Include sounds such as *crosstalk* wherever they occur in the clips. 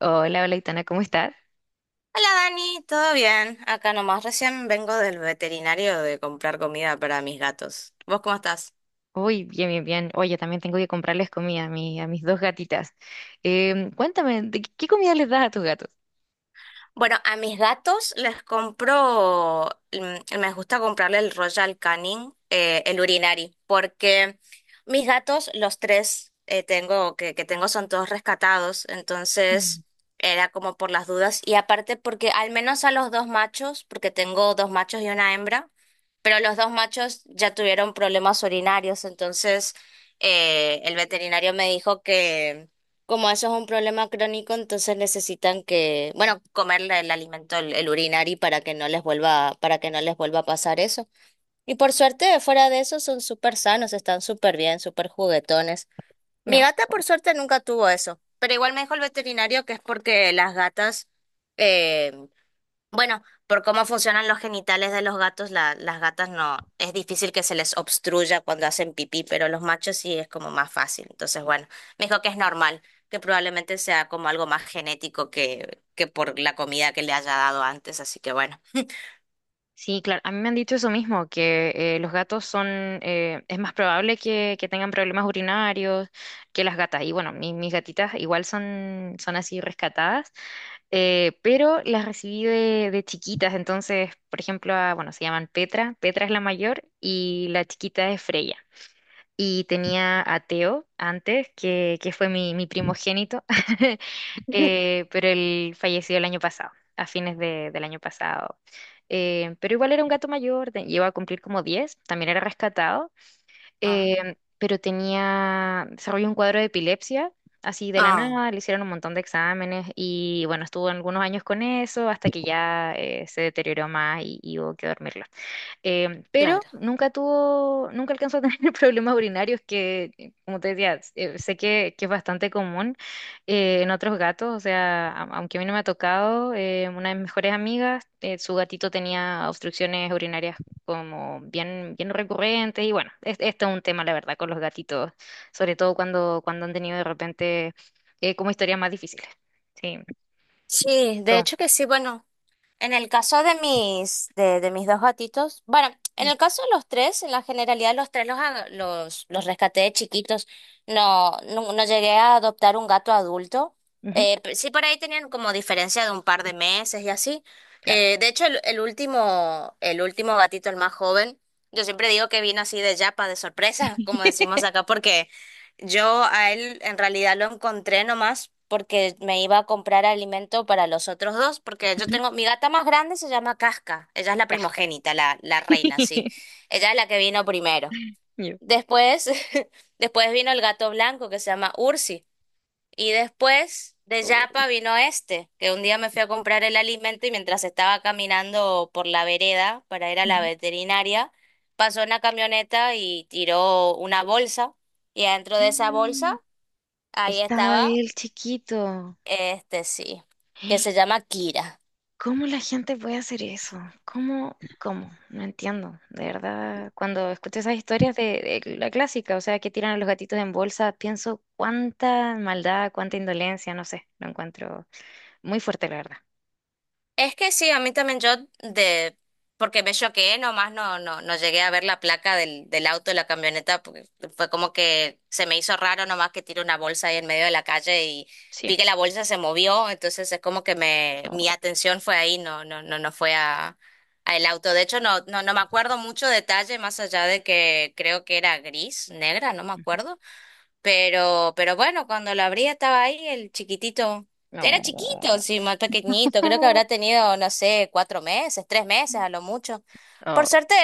Hola, hola, Itana, ¿cómo estás? Hola Dani, ¿todo bien? Acá nomás, recién vengo del veterinario de comprar comida para mis gatos. ¿Vos cómo estás? Uy, bien, bien, bien. Oye, también tengo que comprarles comida a mis dos gatitas. Cuéntame, ¿de qué comida les das a tus gatos? Bueno, a mis gatos les compro, mm, me gusta comprarle el Royal Canin, el urinari, porque mis gatos, los tres tengo, que tengo son todos rescatados, Mm. entonces era como por las dudas. Y aparte porque al menos a los dos machos, porque tengo dos machos y una hembra, pero los dos machos ya tuvieron problemas urinarios, entonces el veterinario me dijo como eso es un problema crónico, entonces necesitan que, bueno, comerle el alimento, el urinari para que no les vuelva, para que no les vuelva a pasar eso. Y por suerte, fuera de eso, son súper sanos, están súper bien, súper juguetones. Mi No, gata, por suerte, nunca tuvo eso, pero igual me dijo el veterinario que es porque las gatas eh, bueno, por cómo funcionan los genitales de los gatos, las gatas no, es difícil que se les obstruya cuando hacen pipí, pero los machos sí es como más fácil. Entonces, bueno, me dijo que es normal, Que probablemente sea como algo más genético que por la comida que le haya dado antes, así que bueno. sí, claro, a mí me han dicho eso mismo, que los gatos son, es más probable que, tengan problemas urinarios que las gatas. Y bueno, mis gatitas igual son, así rescatadas, pero las recibí de, chiquitas, entonces, por ejemplo, bueno, se llaman Petra. Petra es la mayor y la chiquita es Freya. Y tenía a Teo antes, que, fue mi, primogénito, *laughs* pero él falleció el año pasado, a fines del año pasado. Pero igual era un gato mayor, llegó a cumplir como 10. También era rescatado, Ah, pero tenía, desarrolló un cuadro de epilepsia. Así de la ah, nada, le hicieron un montón de exámenes y bueno, estuvo algunos años con eso hasta que ya se deterioró más y hubo que dormirlo. Pero claro. nunca tuvo, nunca alcanzó a tener *laughs* problemas urinarios que, como te decía, sé que, es bastante común en otros gatos. O sea, aunque a mí no me ha tocado, una de mis mejores amigas, su gatito tenía obstrucciones urinarias como bien, bien recurrentes. Y bueno, esto es un tema, la verdad, con los gatitos, sobre todo cuando, han tenido de repente como historias más difíciles. Sí, Sí, de toma. hecho que sí, bueno. En el caso de de mis dos gatitos, bueno, en el caso de los tres, en la generalidad los tres los rescaté de chiquitos. No llegué a adoptar un gato adulto. Ujú, Sí, por ahí tenían como diferencia de un par de meses y así. claro. De hecho, el último gatito, el más joven, yo siempre digo que vino así de yapa, de sorpresa, *laughs* como decimos acá, porque yo a él en realidad lo encontré nomás porque me iba a comprar alimento para los otros dos, porque yo Ujú. tengo, mi gata más grande se llama Casca, ella es la Casca. primogénita, la reina, sí, *laughs* ella es la que vino primero. Yo. Después, *laughs* después vino el gato blanco que se llama Ursi, y después de Yapa vino este, que un día me fui a comprar el alimento y mientras estaba caminando por la vereda para ir a la Uy. veterinaria, pasó una camioneta y tiró una bolsa. Y adentro de esa bolsa Mm, ahí Estaba estaba, él chiquito. este sí, que se llama Kira. ¿Cómo la gente puede hacer eso? ¿Cómo? ¿Cómo? No entiendo. De verdad, cuando escucho esas historias de, la clásica, o sea, que tiran a los gatitos en bolsa, pienso cuánta maldad, cuánta indolencia, no sé, lo encuentro muy fuerte, la verdad. Es que sí, a mí también porque me choqué, nomás no llegué a ver la placa del auto de la camioneta, porque fue como que se me hizo raro nomás que tiré una bolsa ahí en medio de la calle y Sí. vi que la bolsa se movió, entonces es como que No. mi atención fue ahí, no fue a el auto. De hecho, no me acuerdo mucho detalle, más allá de que creo que era gris, negra, no me acuerdo. Pero bueno, cuando lo abrí estaba ahí el chiquitito. Era No. chiquito, sí, más pequeñito. Creo que habrá *laughs* tenido, no sé, 4 meses, 3 meses a lo mucho. Por Oh. suerte,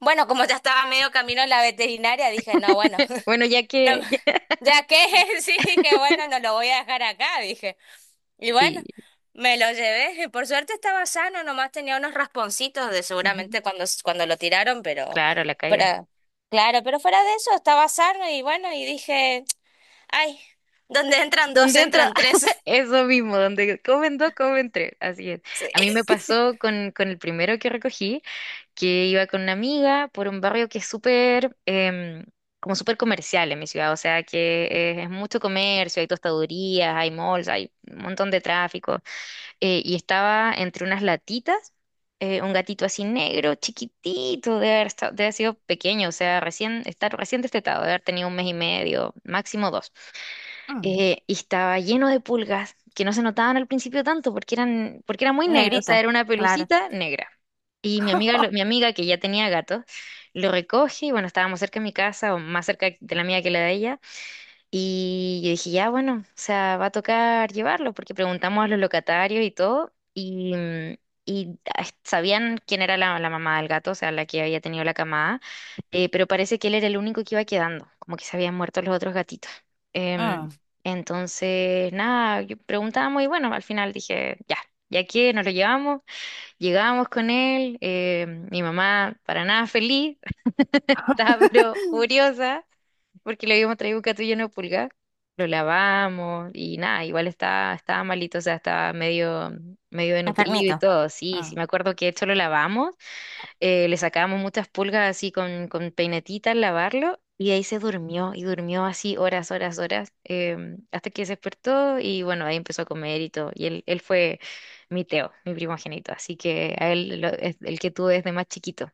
bueno, como ya estaba medio camino en la veterinaria, dije, no, bueno, *laughs* Bueno, ya no, que... *laughs* ya que *laughs* sí, dije, bueno, no lo voy a dejar acá, dije. Y bueno, Sí. me lo llevé. Y por suerte estaba sano, nomás tenía unos rasponcitos de Ujú. seguramente cuando lo tiraron, Claro, la caída. pero claro, pero fuera de eso estaba sano y bueno, y dije. Ay, donde entran dos, ¿Dónde entra? entran tres. *laughs* *laughs* Eso mismo, donde comentré. Así es. Sí. A mí me pasó con, el primero que recogí, que iba con una amiga por un barrio que es súper, como súper comercial en mi ciudad. O sea, que es mucho comercio, hay tostadurías, hay malls, hay un montón de tráfico. Y estaba entre unas latitas, un gatito así negro, chiquitito, de haber sido pequeño, o sea, recién, estar recién destetado, de haber tenido un mes y medio, máximo dos. Mm, Y estaba lleno de pulgas que no se notaban al principio tanto, porque era muy negro, o sea, negrito, era una claro. pelucita negra. Y mi amiga, lo- mi *laughs* amiga que ya tenía gatos, lo recoge. Y bueno, estábamos cerca de mi casa, o más cerca de la mía que la de ella. Y yo dije, ya, bueno, o sea, va a tocar llevarlo, porque preguntamos a los locatarios y todo, y ah, sabían quién era la, mamá del gato, o sea, la que había tenido la camada, pero parece que él era el único que iba quedando, como que se habían muerto los otros gatitos. Em, Ah, entonces, nada, yo preguntamos y bueno, al final dije, ya, ya que nos lo llevamos. Llegamos con él, mi mamá para nada feliz, *laughs* estaba pero furiosa porque le habíamos traído un gato lleno de pulgas. Lo lavamos y nada, igual estaba, malito, o sea, estaba medio, medio desnutrido y enfermito, todo. Sí, sí, ah. me acuerdo que esto lo lavamos, le sacábamos muchas pulgas así con, peinetita al lavarlo, y ahí se durmió y durmió así horas, horas, horas, hasta que se despertó y bueno, ahí empezó a comer y todo. Y él fue mi Teo, mi primogénito, así que a él es el que tuve desde más chiquito.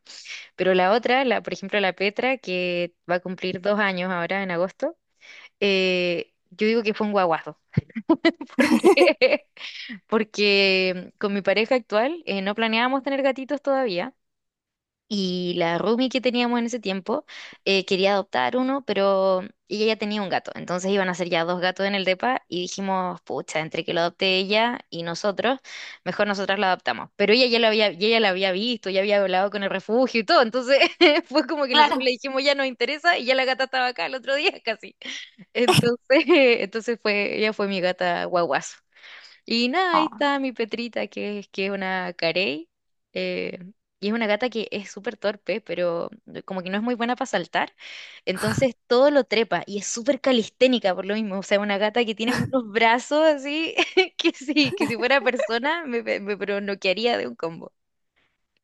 Pero la otra, la, por ejemplo, la Petra, que va a cumplir 2 años ahora en agosto, yo digo que fue un guaguazo. *laughs* porque Porque con mi pareja actual no planeábamos tener gatitos todavía. Y la roomie que teníamos en ese tiempo quería adoptar uno, pero ella ya tenía un gato. Entonces iban a ser ya dos gatos en el depa y dijimos, pucha, entre que lo adopte ella y nosotros, mejor nosotras lo adoptamos. Pero ella ya lo había, y ella la había visto, ya había hablado con el refugio y todo. Entonces *laughs* fue como que nosotros Claro. le dijimos, ya nos interesa y ya la gata estaba acá el otro día casi. Entonces, *laughs* entonces fue, ella fue mi gata guaguazo. Y nada, ahí está mi Petrita, que es una carey. eh, y es una gata que es súper torpe, pero como que no es muy buena para saltar. Entonces todo lo trepa y es súper calisténica por lo mismo. O sea, una gata que tiene unos brazos así, *laughs* que sí, que si fuera persona me, me noquearía de un combo.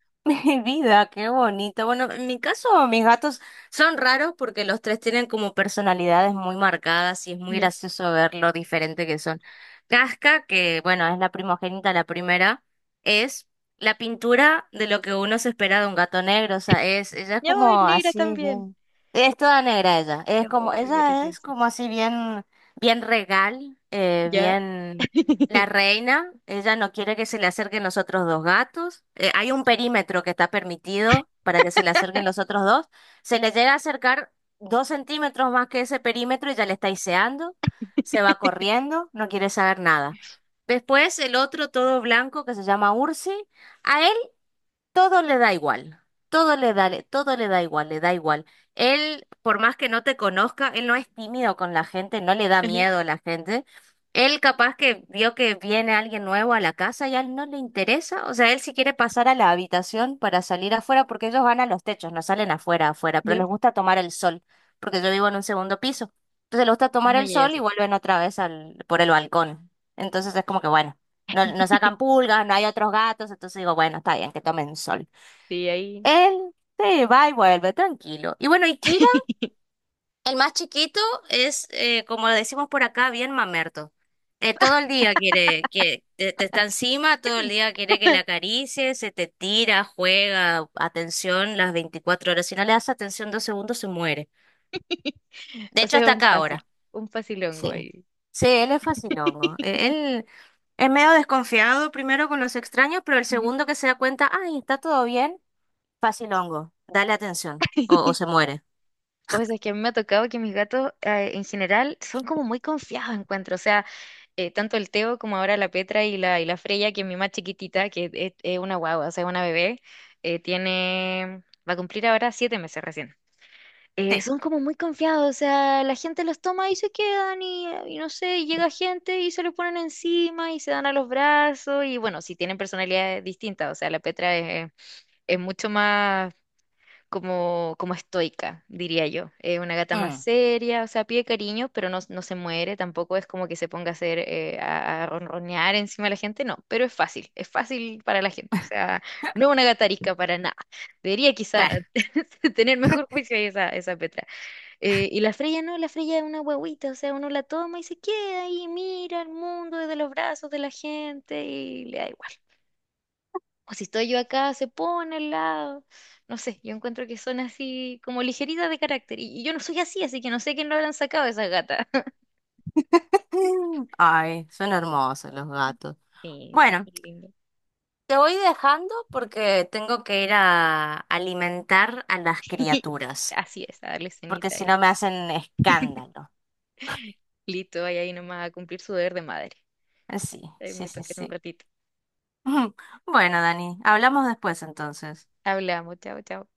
*laughs* Mi vida, qué bonito. Bueno, en mi caso, mis gatos son raros porque los tres tienen como personalidades muy marcadas y es muy Ya. gracioso ver lo diferente que son. Casca, que bueno, es la primogénita, la primera, es la pintura de lo que uno se espera de un gato negro. O sea, es, ella es No, es como negra así, también. bien. Es toda negra ella. Es Ya. como, Oh, qué ella es preciosa. como así bien, bien regal, Ya. bien. La *laughs* reina, ella no quiere que se le acerquen los otros dos gatos. Hay un perímetro que está permitido para que se le acerquen los otros dos. Se le llega a acercar 2 centímetros más que ese perímetro y ya le está iseando. Se va corriendo, no quiere saber nada. Después el otro todo blanco que se llama Ursi, a él todo le da igual, todo le da igual, le da igual. Él, por más que no te conozca, él no es tímido con la gente, no le da Ajá. miedo a la gente. Él capaz que vio que viene alguien nuevo a la casa y a él no le interesa. O sea, él si quiere pasar a la habitación para salir afuera, porque ellos van a los techos, no salen afuera, afuera, pero Ya. les gusta tomar el sol, porque yo vivo en un segundo piso. Entonces les gusta tomar Ah, el ya, ya, sol y sí. vuelven otra vez al, por el balcón. Entonces es como que bueno no sacan *laughs* pulgas, no hay otros gatos, entonces digo, bueno, está bien, que tomen sol. Sí, ahí. Él se va y vuelve, tranquilo. Y bueno, y Kira, *laughs* el más chiquito, es, como lo decimos por acá, bien mamerto. Todo el día quiere que te está encima, todo el día quiere que le acaricies, se te tira, juega, atención las 24 horas. Si no le das atención 2 segundos, se muere. *laughs* De O hecho, sea, hasta acá ahora. un facilongo Sí, ahí. sí, él es fascinongo. Él es medio desconfiado primero con los extraños, pero el Ujú. segundo que se da cuenta, ay, está todo bien, fascinongo, dale atención, o se *laughs* muere. O sea, es que a mí me ha tocado que mis gatos en general son como muy confiados, encuentro. O sea, tanto el Teo como ahora la Petra y y la Freya, que es mi más chiquitita, que es, una guagua, o sea, una bebé, eh, tiene, va a cumplir ahora 7 meses recién. Sí, Son como muy confiados, o sea, la gente los toma y se quedan y no sé, y llega gente y se los ponen encima y se dan a los brazos. Y bueno, si tienen personalidades distintas, o sea, la Petra es mucho más como, estoica, diría yo. Es una gata más mm, seria, o sea, pide cariño, pero no, no se muere, tampoco es como que se ponga a hacer, a, ronronear encima de la gente, no, pero es fácil para la gente, o sea, no es una gata arisca para nada. Debería quizá claro. *laughs* tener mejor juicio ahí esa, Petra. Y la Freya no, la Freya es una huevita, o sea, uno la toma y se queda ahí, mira el mundo desde los brazos de la gente y le da igual. O si estoy yo acá, se pone al lado. No sé, yo encuentro que son así como ligeritas de carácter. Y yo no soy así, así que no sé quién lo habrán sacado de esa gata. *laughs* *laughs* Ay, son hermosos los gatos. Sí, son Bueno, muy lindos. te voy dejando porque tengo que ir a alimentar a las *laughs* criaturas, Así es, a darle porque cenita si y no me hacen escándalo. listo, vaya ahí nomás a cumplir su deber de madre. Sí, Ahí sí, me sí, toca en un sí. ratito. *laughs* Bueno, Dani, hablamos después entonces. Hablamos, chao, chao.